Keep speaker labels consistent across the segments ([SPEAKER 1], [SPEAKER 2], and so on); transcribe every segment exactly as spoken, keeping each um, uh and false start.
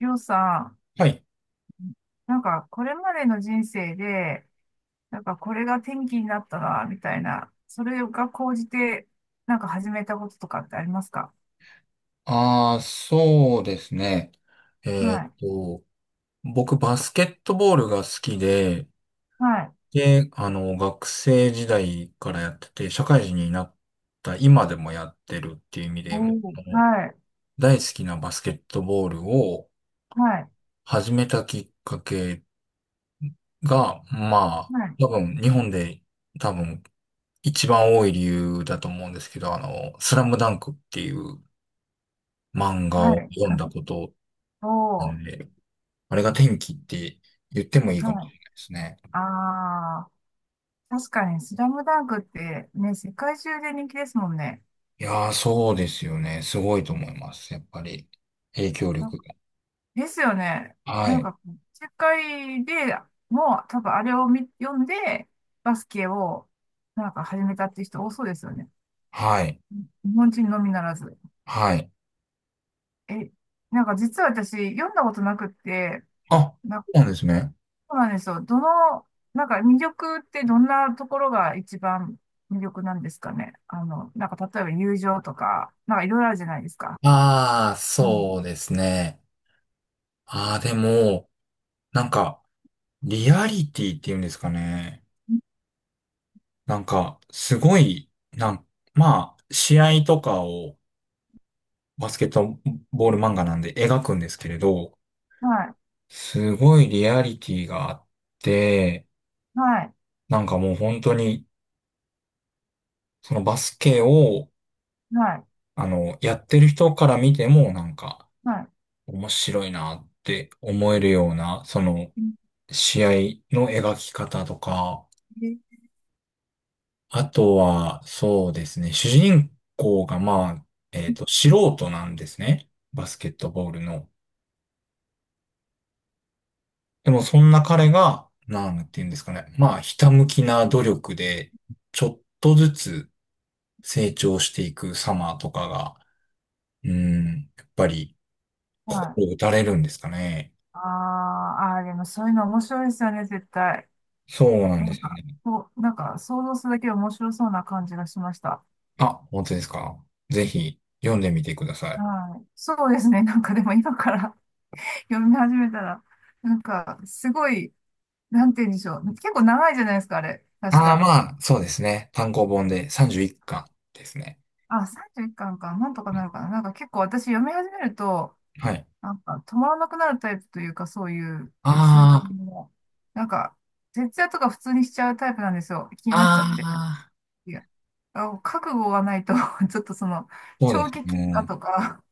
[SPEAKER 1] りょうさん、
[SPEAKER 2] はい。
[SPEAKER 1] なんかこれまでの人生で、なんかこれが転機になったな、みたいな、それが高じて、なんか始めたこととかってありますか？
[SPEAKER 2] ああ、そうですね。えー
[SPEAKER 1] は
[SPEAKER 2] っ
[SPEAKER 1] い。
[SPEAKER 2] と、僕、バスケットボールが好きで、
[SPEAKER 1] はい。
[SPEAKER 2] で、あの、学生時代からやってて、社会人になった今でもやってるっていう意味で、あ
[SPEAKER 1] おー、
[SPEAKER 2] の
[SPEAKER 1] はい。
[SPEAKER 2] 大好きなバスケットボールを
[SPEAKER 1] はい。
[SPEAKER 2] 始めたきっかけが、まあ、
[SPEAKER 1] はい。
[SPEAKER 2] 多分、日本で多分、一番多い理由だと思うんですけど、あの、スラムダンクっていう漫画
[SPEAKER 1] は
[SPEAKER 2] を
[SPEAKER 1] い。
[SPEAKER 2] 読ん
[SPEAKER 1] あ
[SPEAKER 2] だことな
[SPEAKER 1] お
[SPEAKER 2] んで、あれが天気って言ってもいい
[SPEAKER 1] ー、
[SPEAKER 2] かもし
[SPEAKER 1] は
[SPEAKER 2] れ
[SPEAKER 1] い。
[SPEAKER 2] ないですね。
[SPEAKER 1] あー、確かにスラムダンクってね、世界中で人気ですもんね。
[SPEAKER 2] いやー、そうですよね。すごいと思います。やっぱり、影響力が。
[SPEAKER 1] ですよね。
[SPEAKER 2] は
[SPEAKER 1] なん
[SPEAKER 2] い、
[SPEAKER 1] か世界でもう多分あれを見読んで、バスケをなんか始めたって人多そうですよね。
[SPEAKER 2] はい、
[SPEAKER 1] 日本人のみならず。
[SPEAKER 2] はい。
[SPEAKER 1] え、なんか実は私読んだことなくって、
[SPEAKER 2] あ、
[SPEAKER 1] な、
[SPEAKER 2] そうなんですね。
[SPEAKER 1] そうなんですよ。どの、なんか魅力ってどんなところが一番魅力なんですかね。あの、なんか例えば友情とか、なんかいろいろあるじゃないですか。
[SPEAKER 2] ああ、
[SPEAKER 1] うん。
[SPEAKER 2] そうですね。ああ、でも、なんか、リアリティっていうんですかね。なんか、すごい、なん、まあ、試合とかをバスケットボール漫画なんで描くんですけれど、
[SPEAKER 1] はい。
[SPEAKER 2] すごいリアリティがあって、
[SPEAKER 1] はい。
[SPEAKER 2] なんかもう本当に、そのバスケを、
[SPEAKER 1] はい。
[SPEAKER 2] あの、やってる人から見ても、なんか、
[SPEAKER 1] はい。
[SPEAKER 2] 面白いなって思えるような、その、
[SPEAKER 1] うん
[SPEAKER 2] 試合の描き方とか、あとは、そうですね、主人公が、まあ、えっと、素人なんですね。バスケットボールの。でも、そんな彼が、なんていうんですかね、まあ、ひたむきな努力で、ちょっとずつ成長していく様とかが、うん、やっぱり、
[SPEAKER 1] は
[SPEAKER 2] 心
[SPEAKER 1] い。
[SPEAKER 2] 打たれるんですかね。
[SPEAKER 1] あーあー、あでもそういうの面白いですよね、絶対。
[SPEAKER 2] そうなん
[SPEAKER 1] な
[SPEAKER 2] で
[SPEAKER 1] ん
[SPEAKER 2] す
[SPEAKER 1] か、
[SPEAKER 2] ね。
[SPEAKER 1] こう、なんか想像するだけで面白そうな感じがしました。
[SPEAKER 2] あ、本当ですか。ぜひ読んでみてください。
[SPEAKER 1] はい。そうですね。なんかでも今から 読み始めたら、なんかすごい、なんて言うんでしょう。結構長いじゃないですか、あれ。確
[SPEAKER 2] ああ、
[SPEAKER 1] か。
[SPEAKER 2] まあ、そうですね。単行本でさんじゅういっかんですね。
[SPEAKER 1] あ、さんじゅういっかんかんか。なんとか
[SPEAKER 2] う
[SPEAKER 1] な
[SPEAKER 2] ん、
[SPEAKER 1] るかな。なんか結構私読み始めると、
[SPEAKER 2] はい。
[SPEAKER 1] なんか止まらなくなるタイプというか、そういう続き
[SPEAKER 2] あ
[SPEAKER 1] も、なんか、徹夜とか普通にしちゃうタイプなんですよ。気に
[SPEAKER 2] あ、
[SPEAKER 1] なっちゃって。
[SPEAKER 2] ああ、
[SPEAKER 1] いや、あ、覚悟がないと ちょっとその、
[SPEAKER 2] そうで
[SPEAKER 1] 長
[SPEAKER 2] す
[SPEAKER 1] 期休暇
[SPEAKER 2] ね。
[SPEAKER 1] とか、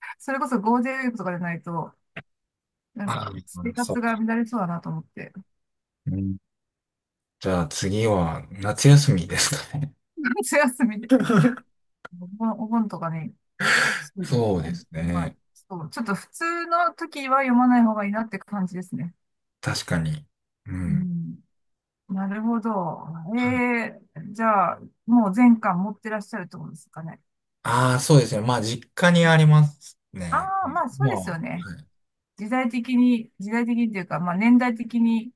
[SPEAKER 1] それこそゴールデンウィークとかでないと、な
[SPEAKER 2] あ
[SPEAKER 1] ん
[SPEAKER 2] あ、
[SPEAKER 1] か、生
[SPEAKER 2] そ
[SPEAKER 1] 活
[SPEAKER 2] っか。
[SPEAKER 1] が乱れそうだなと思って、
[SPEAKER 2] うん。じゃあ次は夏休みですかね。
[SPEAKER 1] 夏休みで、お盆、お盆とかに、そ うで
[SPEAKER 2] そ
[SPEAKER 1] す
[SPEAKER 2] う
[SPEAKER 1] ね。
[SPEAKER 2] です
[SPEAKER 1] まあ、
[SPEAKER 2] ね。
[SPEAKER 1] そう、ちょっと普通の時は読まない方がいいなって感じですね。
[SPEAKER 2] 確かに。う
[SPEAKER 1] う
[SPEAKER 2] ん。
[SPEAKER 1] ん。なるほど。えー、じゃあ、もう全巻持ってらっしゃるってことですかね。
[SPEAKER 2] ああ、そうですね。まあ、実家に
[SPEAKER 1] う
[SPEAKER 2] あ
[SPEAKER 1] ん
[SPEAKER 2] ります
[SPEAKER 1] あ
[SPEAKER 2] ね。
[SPEAKER 1] あ、
[SPEAKER 2] う
[SPEAKER 1] まあ
[SPEAKER 2] ん、
[SPEAKER 1] そう
[SPEAKER 2] まあ、
[SPEAKER 1] ですよ
[SPEAKER 2] は
[SPEAKER 1] ね。
[SPEAKER 2] い。
[SPEAKER 1] 時代的に、時代的にというか、まあ年代的に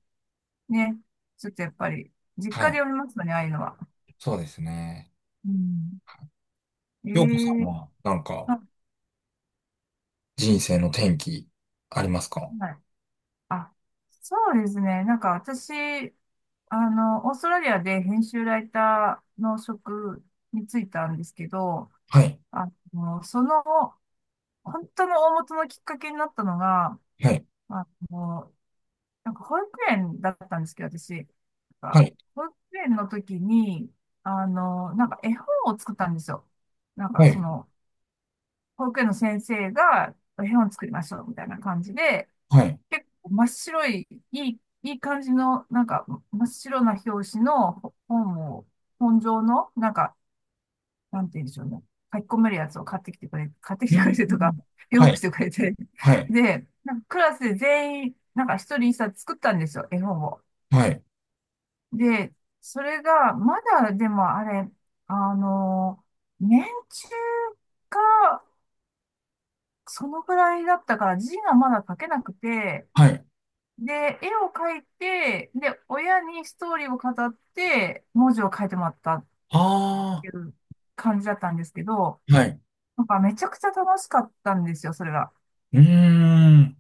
[SPEAKER 1] ね。ちょっとやっぱり、実
[SPEAKER 2] は
[SPEAKER 1] 家で
[SPEAKER 2] い。
[SPEAKER 1] 読みますよね、ああいうのは。
[SPEAKER 2] そうですね。
[SPEAKER 1] うん。え
[SPEAKER 2] ようこさん
[SPEAKER 1] え
[SPEAKER 2] は、なんか、
[SPEAKER 1] あ、
[SPEAKER 2] 人生の転機、ありますか？
[SPEAKER 1] はい。あ、そうですね。なんか私、あの、オーストラリアで編集ライターの職に就いたんですけど、
[SPEAKER 2] はい、
[SPEAKER 1] あの、その、本当の大元のきっかけになったのが、
[SPEAKER 2] はい、
[SPEAKER 1] あの、なんか保育園だったんですけど、私、なん
[SPEAKER 2] は
[SPEAKER 1] か
[SPEAKER 2] い、
[SPEAKER 1] 保育園の時に、あの、なんか絵本を作ったんですよ。なんか
[SPEAKER 2] は
[SPEAKER 1] そ
[SPEAKER 2] い、
[SPEAKER 1] の、保育園の先生が絵本作りましょうみたいな感じで、
[SPEAKER 2] はい。
[SPEAKER 1] 結構真っ白い、いい、いい感じの、なんか真っ白な表紙の本を、本上の、なんか、なんて言うんでしょうね。書き込めるやつを買ってきてくれ、買ってき
[SPEAKER 2] う
[SPEAKER 1] てくれ
[SPEAKER 2] ん、
[SPEAKER 1] てとか、
[SPEAKER 2] は
[SPEAKER 1] 用意し
[SPEAKER 2] い、
[SPEAKER 1] てくれて。
[SPEAKER 2] はい、
[SPEAKER 1] で、なんかクラスで全員、なんか一人一冊作ったんですよ、絵本を。
[SPEAKER 2] はい、
[SPEAKER 1] で、それが、まだでもあれ、あの、年中、かそのぐらいだったから、字がまだ書けなくて、
[SPEAKER 2] はい。
[SPEAKER 1] で、絵を描いて、で、親にストーリーを語って、文字を書いてもらったっ
[SPEAKER 2] あ
[SPEAKER 1] ていう感じだったんですけど、
[SPEAKER 2] あ、はい。
[SPEAKER 1] なんかめちゃくちゃ楽しかったんですよ、それが。
[SPEAKER 2] うーん、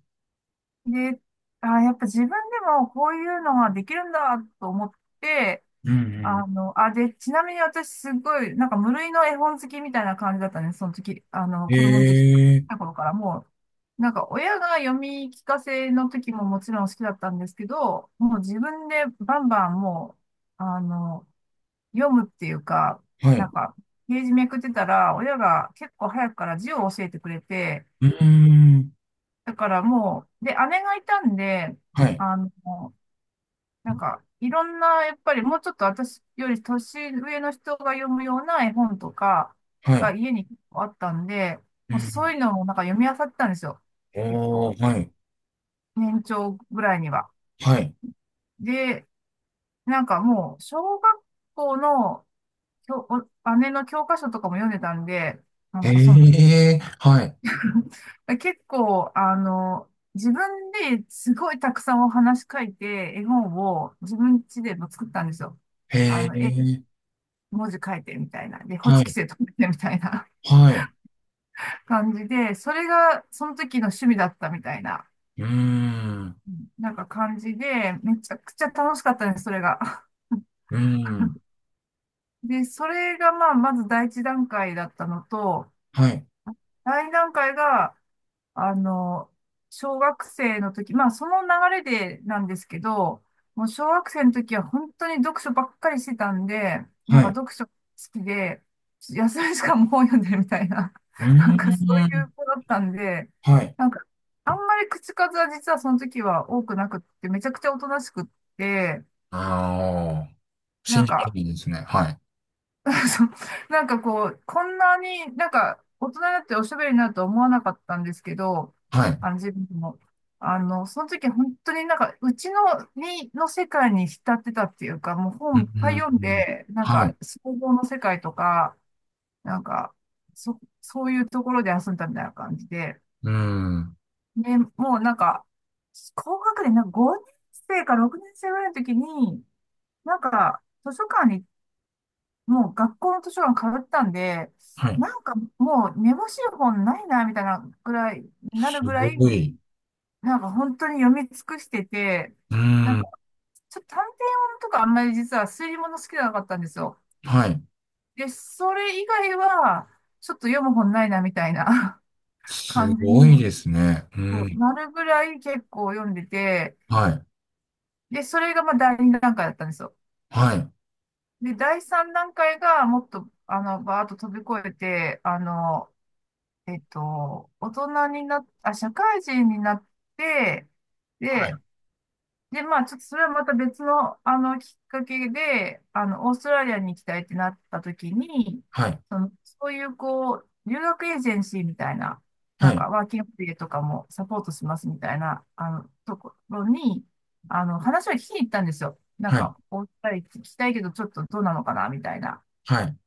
[SPEAKER 1] で、あー、やっぱ自分でもこういうのができるんだと思って、
[SPEAKER 2] うん、うん。
[SPEAKER 1] あの、あ、で、ちなみに私すごい、なんか無類の絵本好きみたいな感じだったね、その時、あの、
[SPEAKER 2] え
[SPEAKER 1] 子供の時、
[SPEAKER 2] え、
[SPEAKER 1] た頃からもう、なんか親が読み聞かせの時ももちろん好きだったんですけど、もう自分でバンバンもう、あの、読むっていうか、
[SPEAKER 2] は
[SPEAKER 1] な
[SPEAKER 2] い。
[SPEAKER 1] んか、ページめくってたら、親が結構早くから字を教えてくれて、
[SPEAKER 2] うーん、
[SPEAKER 1] だからもう、で、姉がいたんで、
[SPEAKER 2] はい、
[SPEAKER 1] あの、なんか、いろんな、やっぱりもうちょっと私より年上の人が読むような絵本とか
[SPEAKER 2] は
[SPEAKER 1] が
[SPEAKER 2] い。
[SPEAKER 1] 家にあったんで、
[SPEAKER 2] う
[SPEAKER 1] もうそう
[SPEAKER 2] ん、
[SPEAKER 1] いうのもなんか読み漁ってたんですよ。結
[SPEAKER 2] お
[SPEAKER 1] 構、
[SPEAKER 2] ー、はい、
[SPEAKER 1] 年長ぐらいには。
[SPEAKER 2] はい。
[SPEAKER 1] で、なんかもう、小学校の教お姉の教科書とかも読んでたんで、なんかその時、
[SPEAKER 2] ええ、はい。
[SPEAKER 1] 結構、あの、自分ですごいたくさんお話書いて、絵本を自分家でも作ったんですよ。あ
[SPEAKER 2] え
[SPEAKER 1] の、絵
[SPEAKER 2] え、
[SPEAKER 1] 文字書いてみたいな。で、ホ
[SPEAKER 2] は
[SPEAKER 1] チキス
[SPEAKER 2] い、
[SPEAKER 1] で留めてみたいな
[SPEAKER 2] はい。
[SPEAKER 1] 感じで、それがその時の趣味だったみたいな、
[SPEAKER 2] うーん、
[SPEAKER 1] なんか感じで、めちゃくちゃ楽しかったね、それが。
[SPEAKER 2] うーん、
[SPEAKER 1] で、それがまあ、まず第一段階だったのと、
[SPEAKER 2] はい、
[SPEAKER 1] 第二段階が、あの、小学生の時、まあその流れでなんですけど、もう小学生の時は本当に読書ばっかりしてたんで、なん
[SPEAKER 2] はい。
[SPEAKER 1] か
[SPEAKER 2] う
[SPEAKER 1] 読書好きで、休み時間も本読んでるみたいな、
[SPEAKER 2] ー
[SPEAKER 1] なんかそうい
[SPEAKER 2] ん、
[SPEAKER 1] う子だったんで、
[SPEAKER 2] はい。
[SPEAKER 1] なんかあんまり口数は実はその時は多くなくって、めちゃくちゃおとなしくって、
[SPEAKER 2] ああ、
[SPEAKER 1] な
[SPEAKER 2] 信
[SPEAKER 1] ん
[SPEAKER 2] じら
[SPEAKER 1] か
[SPEAKER 2] れないですね。はい。
[SPEAKER 1] そうなんかこう、こんなになんか大人になっておしゃべりになるとは思わなかったんですけど、
[SPEAKER 2] はい。
[SPEAKER 1] あの自分も。あの、その時本当になんかうちの、に、の世界に浸ってたっていうか、もう
[SPEAKER 2] う
[SPEAKER 1] 本い
[SPEAKER 2] ん、
[SPEAKER 1] っ
[SPEAKER 2] う
[SPEAKER 1] ぱい読ん
[SPEAKER 2] ん、
[SPEAKER 1] で、なん
[SPEAKER 2] は
[SPEAKER 1] か
[SPEAKER 2] い。
[SPEAKER 1] 想像の世界とか、なんか、そ、そういうところで遊んだみたいな感じで、
[SPEAKER 2] うん。
[SPEAKER 1] ね、もうなんか、高学年、なんかごねん生かろくねん生ぐらいの時に、なんか図書館にもう学校の図書館かぶったんで、
[SPEAKER 2] はい。
[SPEAKER 1] なんかもうめぼしい本ないな、みたいなぐらい、な
[SPEAKER 2] す
[SPEAKER 1] るぐらい、
[SPEAKER 2] ごい。
[SPEAKER 1] なんか本当に読み尽くしてて、
[SPEAKER 2] う
[SPEAKER 1] なん
[SPEAKER 2] ん。
[SPEAKER 1] かちょっと探偵物とかあんまり実は推理物好きじゃなかったんですよ。
[SPEAKER 2] はい。
[SPEAKER 1] で、それ以外は、ちょっと読む本ないな、みたいな
[SPEAKER 2] す
[SPEAKER 1] 感じ
[SPEAKER 2] ご
[SPEAKER 1] に、
[SPEAKER 2] いですね。う
[SPEAKER 1] そう
[SPEAKER 2] ん。
[SPEAKER 1] なるぐらい結構読んでて、
[SPEAKER 2] はい。
[SPEAKER 1] で、それがまあ第二段階だったんですよ。
[SPEAKER 2] はい。
[SPEAKER 1] で、第三段階がもっと、あの、バーッと飛び越えて、あの、えっと、大人になっ、あ、社会人になって、
[SPEAKER 2] はい。
[SPEAKER 1] で、で、まあ、ちょっとそれはまた別の、あの、きっかけで、あの、オーストラリアに行きたいってなった時に、
[SPEAKER 2] はい。
[SPEAKER 1] その、そういう、こう、留学エージェンシーみたいな、なんか、ワーキングホリデーとかもサポートしますみたいな、あの、ところに、あの、話を聞きに行ったんですよ。なん
[SPEAKER 2] はい。
[SPEAKER 1] か、お二人聞きたいけど、ちょっとどうなのかな、みたいな。
[SPEAKER 2] はい。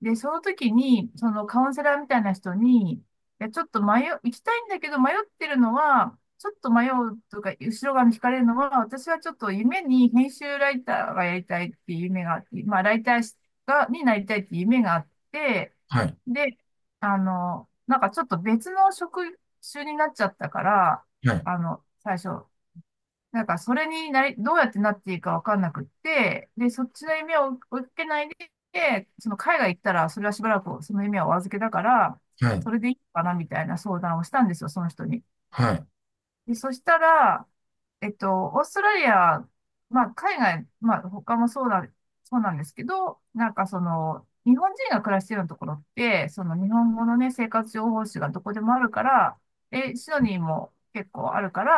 [SPEAKER 1] で、その時に、そのカウンセラーみたいな人に、いや、ちょっと迷う、行きたいんだけど迷ってるのは、ちょっと迷うとか、後ろ側に惹かれるのは、私はちょっと夢に編集ライターがやりたいっていう夢があって、まあ、ライターが、になりたいっていう夢があって、
[SPEAKER 2] はい。
[SPEAKER 1] で、あの、なんかちょっと別の職種になっちゃったから、
[SPEAKER 2] はい。
[SPEAKER 1] あの、最初、なんか、それになり、どうやってなっていいかわかんなくって、で、そっちの夢を追いかけないで、その海外行ったら、それはしばらくその夢はお預けだから、
[SPEAKER 2] はい。はい。
[SPEAKER 1] それでいいのかなみたいな相談をしたんですよ、その人に。
[SPEAKER 2] はい。
[SPEAKER 1] で、そしたら、えっと、オーストラリア、まあ、海外、まあ、他もそうだ、そうなんですけど、なんかその、日本人が暮らしてるようなところって、その日本語のね、生活情報誌がどこでもあるから、え、シドニーも結構あるから、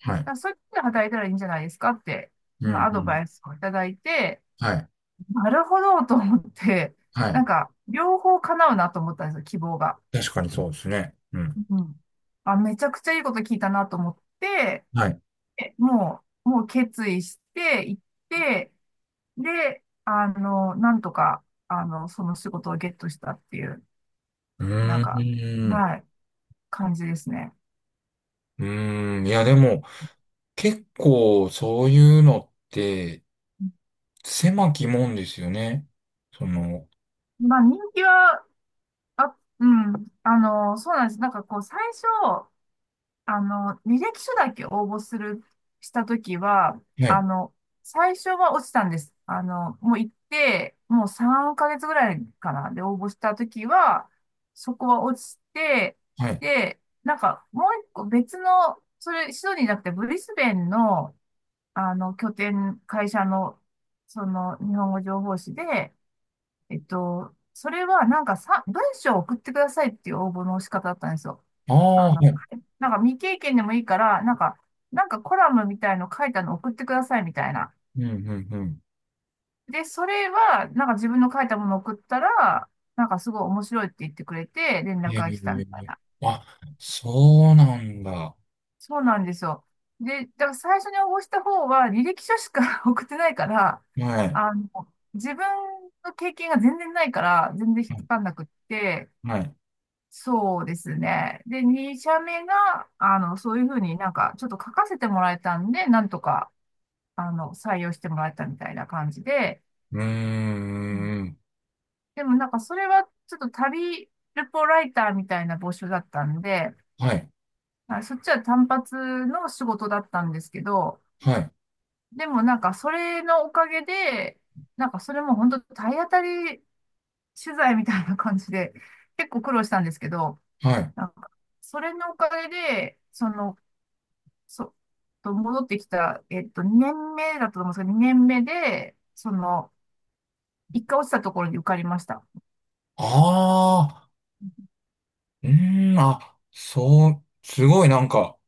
[SPEAKER 2] は
[SPEAKER 1] だ
[SPEAKER 2] い。
[SPEAKER 1] からそういうとこで働いたらいいんじゃないですかって、
[SPEAKER 2] う
[SPEAKER 1] まあ、
[SPEAKER 2] ん。
[SPEAKER 1] ア
[SPEAKER 2] う
[SPEAKER 1] ド
[SPEAKER 2] ん、
[SPEAKER 1] バイスをいただいて、
[SPEAKER 2] はい。
[SPEAKER 1] なるほどと思って、
[SPEAKER 2] は
[SPEAKER 1] なん
[SPEAKER 2] い。
[SPEAKER 1] か、両方叶うなと思ったんですよ、希望が。
[SPEAKER 2] 確かにそうですね。うん。
[SPEAKER 1] うん。あ、めちゃくちゃいいこと聞いたなと思って、
[SPEAKER 2] はい。
[SPEAKER 1] えもう、もう決意して行って、で、あの、なんとか、あの、その仕事をゲットしたっていう、
[SPEAKER 2] う
[SPEAKER 1] なんか、
[SPEAKER 2] ーん。
[SPEAKER 1] はい、感じですね。
[SPEAKER 2] うーん。いや、でも、結構そういうのって、狭き門ですよね。その、
[SPEAKER 1] まあ、人気は、あ、うん、あの、そうなんです。なんかこう、最初、あの、履歴書だけ応募する、したときは、
[SPEAKER 2] はい、
[SPEAKER 1] あの、最初は落ちたんです。あの、もう行って、もうさんかげつぐらいかな。で、応募したときは、そこは落ちて、
[SPEAKER 2] はい。
[SPEAKER 1] で、なんか、もう一個別の、それ、シドニーじゃなくて、ブリスベンの、あの、拠点、会社の、その、日本語情報誌で、えっと、それはなんかさ、文章を送ってくださいっていう応募の仕方だったんですよ。
[SPEAKER 2] ああ、
[SPEAKER 1] あ
[SPEAKER 2] は
[SPEAKER 1] の、
[SPEAKER 2] い。
[SPEAKER 1] なんか未経験でもいいから、なんか、なんかコラムみたいの書いたの送ってくださいみたいな。
[SPEAKER 2] うん、うん、うん。
[SPEAKER 1] で、それは、なんか自分の書いたものを送ったら、なんかすごい面白いって言ってくれて、連絡
[SPEAKER 2] え
[SPEAKER 1] が
[SPEAKER 2] え、
[SPEAKER 1] 来たみたいな。
[SPEAKER 2] あ、そうなんだ。は
[SPEAKER 1] そうなんですよ。で、だから最初に応募した方は履歴書しか 送ってないから、
[SPEAKER 2] い、は
[SPEAKER 1] あの、自分の経験が全然ないから、全然引っ
[SPEAKER 2] い、
[SPEAKER 1] かかんなくって、
[SPEAKER 2] はい。
[SPEAKER 1] そうですね。で、に社目が、あの、そういうふうになんか、ちょっと書かせてもらえたんで、なんとか、あの、採用してもらえたみたいな感じで、
[SPEAKER 2] うー
[SPEAKER 1] うん。
[SPEAKER 2] ん、
[SPEAKER 1] でもなんか、それはちょっと旅ルポライターみたいな募集だったんで、
[SPEAKER 2] はい、
[SPEAKER 1] あそっちは単発の仕事だったんですけど、
[SPEAKER 2] はい、
[SPEAKER 1] でもなんか、それのおかげで、なんか、それも本当体当たり取材みたいな感じで、結構苦労したんですけど、
[SPEAKER 2] はい。
[SPEAKER 1] なんかそれのおかげで、そのそう、と戻ってきた、えっと、にねんめだったと思うんですけど、にねんめで、その、一回落ちたところに受かりました。
[SPEAKER 2] ああ、うーん、あ、そう、すごいなんか、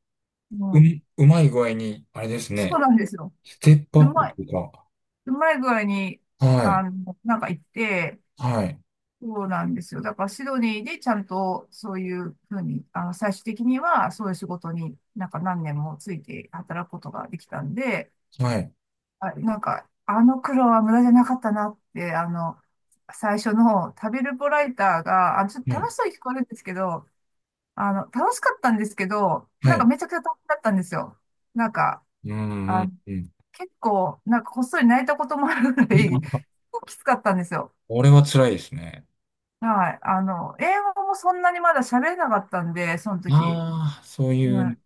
[SPEAKER 1] う
[SPEAKER 2] う
[SPEAKER 1] ん。
[SPEAKER 2] ん、うまい具合に、あれです
[SPEAKER 1] そう
[SPEAKER 2] ね。
[SPEAKER 1] なんですよ。
[SPEAKER 2] ステップア
[SPEAKER 1] う
[SPEAKER 2] ップ
[SPEAKER 1] まい、
[SPEAKER 2] というか、
[SPEAKER 1] うまい具合に、
[SPEAKER 2] は
[SPEAKER 1] あ
[SPEAKER 2] い、
[SPEAKER 1] の、なんか行って、
[SPEAKER 2] はい、
[SPEAKER 1] そうなんですよ。だからシドニーでちゃんとそういうふうに、あの、最終的にはそういう仕事になんか何年もついて働くことができたんで、
[SPEAKER 2] はい、
[SPEAKER 1] あ、なんか、あの苦労は無駄じゃなかったなって、あの、最初の旅ルポライターが、あ、ちょっと
[SPEAKER 2] ね。
[SPEAKER 1] 楽しそうに聞こえるんですけど、あの、楽しかったんですけど、
[SPEAKER 2] は
[SPEAKER 1] なんか
[SPEAKER 2] い。
[SPEAKER 1] めちゃくちゃ大変だったんですよ。なんか、
[SPEAKER 2] うーん、う
[SPEAKER 1] あ、
[SPEAKER 2] ん、うん。
[SPEAKER 1] 結構、なんかこっそり泣いたこともあるぐらい、結構きつかったんですよ。
[SPEAKER 2] これは辛いですね。
[SPEAKER 1] はい。あの、英語もそんなにまだ喋れなかったんで、その時。
[SPEAKER 2] ああ、そう
[SPEAKER 1] う
[SPEAKER 2] いう
[SPEAKER 1] ん。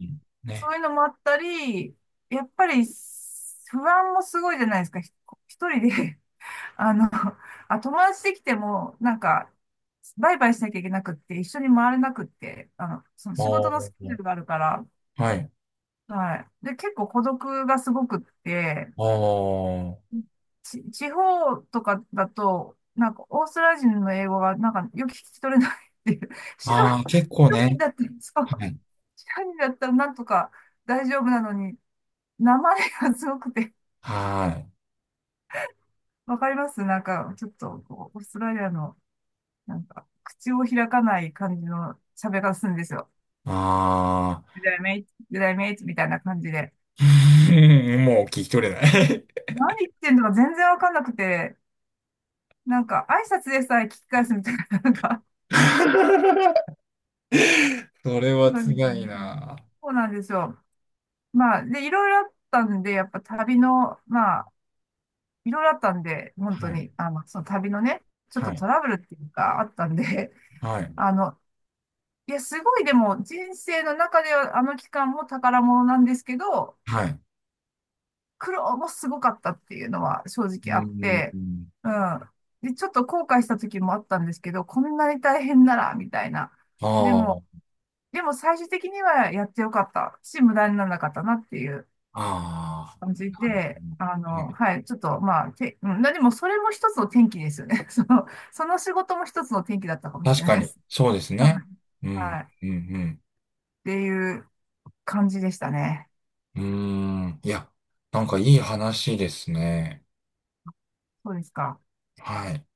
[SPEAKER 1] そう
[SPEAKER 2] ね。
[SPEAKER 1] いうのもあったり、やっぱり不安もすごいじゃないですか。ひ一人で あの、あ、友達できても、なんか、バイバイしなきゃいけなくって、一緒に回れなくって、あの、その
[SPEAKER 2] あ
[SPEAKER 1] 仕事のスケジュ
[SPEAKER 2] あ、
[SPEAKER 1] ールがあるから、
[SPEAKER 2] はい。
[SPEAKER 1] はい。で、結構孤独がすごくって、
[SPEAKER 2] あ
[SPEAKER 1] ち、地方とかだと、なんか、オーストラリア人の英語が、なんか、よく聞き取れないっていう。シド
[SPEAKER 2] あ、ああ、結構
[SPEAKER 1] ニー
[SPEAKER 2] ね。
[SPEAKER 1] だったら、そ
[SPEAKER 2] は
[SPEAKER 1] う、
[SPEAKER 2] い。
[SPEAKER 1] シドニーだったらなんとか大丈夫なのに、名前がすごくて、
[SPEAKER 2] はい。
[SPEAKER 1] わかりますなんか、ちょっとこう、オーストラリアの、なんか、口を開かない感じの喋り方するんですよ。
[SPEAKER 2] ああ、
[SPEAKER 1] グダイメイツ、グぐイメイツみたいな感じで。
[SPEAKER 2] うん、もう聞き取れない。
[SPEAKER 1] 何言ってんのか全然わかんなくて、なんか、挨拶でさえ聞き返すみたいな、なんか、
[SPEAKER 2] それ は
[SPEAKER 1] 今
[SPEAKER 2] つ
[SPEAKER 1] み
[SPEAKER 2] が
[SPEAKER 1] たい
[SPEAKER 2] い
[SPEAKER 1] な感じ。
[SPEAKER 2] な。
[SPEAKER 1] そうなんですよ。まあ、で、いろいろあったんで、やっぱ旅の、まあ、いろいろあったんで、本
[SPEAKER 2] は
[SPEAKER 1] 当
[SPEAKER 2] い。
[SPEAKER 1] に、あの、その旅のね、ちょっと
[SPEAKER 2] は
[SPEAKER 1] ト
[SPEAKER 2] い。
[SPEAKER 1] ラブルっていうか、あったんで、
[SPEAKER 2] はい。
[SPEAKER 1] あの、いや、すごい、でも、人生の中では、あの期間も宝物なんですけど、
[SPEAKER 2] はい。
[SPEAKER 1] 苦労もすごかったっていうのは正
[SPEAKER 2] う
[SPEAKER 1] 直あって、
[SPEAKER 2] ん。
[SPEAKER 1] うん。で、ちょっと後悔した時もあったんですけど、こんなに大変なら、みたいな。でも、
[SPEAKER 2] あ
[SPEAKER 1] でも最終的にはやってよかったし、無駄にならなかったなっていう
[SPEAKER 2] あ、あ
[SPEAKER 1] 感じ
[SPEAKER 2] あ、なるほ
[SPEAKER 1] で、
[SPEAKER 2] ど。
[SPEAKER 1] あ
[SPEAKER 2] うん。
[SPEAKER 1] の、はい、ちょっと、まあ、て、うん、でもそれも一つの転機ですよね。その、その仕事も一つの転機だったかもし
[SPEAKER 2] 確
[SPEAKER 1] れな
[SPEAKER 2] か
[SPEAKER 1] いで
[SPEAKER 2] に、
[SPEAKER 1] す。
[SPEAKER 2] そうです
[SPEAKER 1] はい。
[SPEAKER 2] ね。う
[SPEAKER 1] は
[SPEAKER 2] ん、
[SPEAKER 1] いっ
[SPEAKER 2] うん、
[SPEAKER 1] ていう感じでしたね。
[SPEAKER 2] うん。うーん。いや、なんかいい話ですね。
[SPEAKER 1] そうですか。
[SPEAKER 2] はい。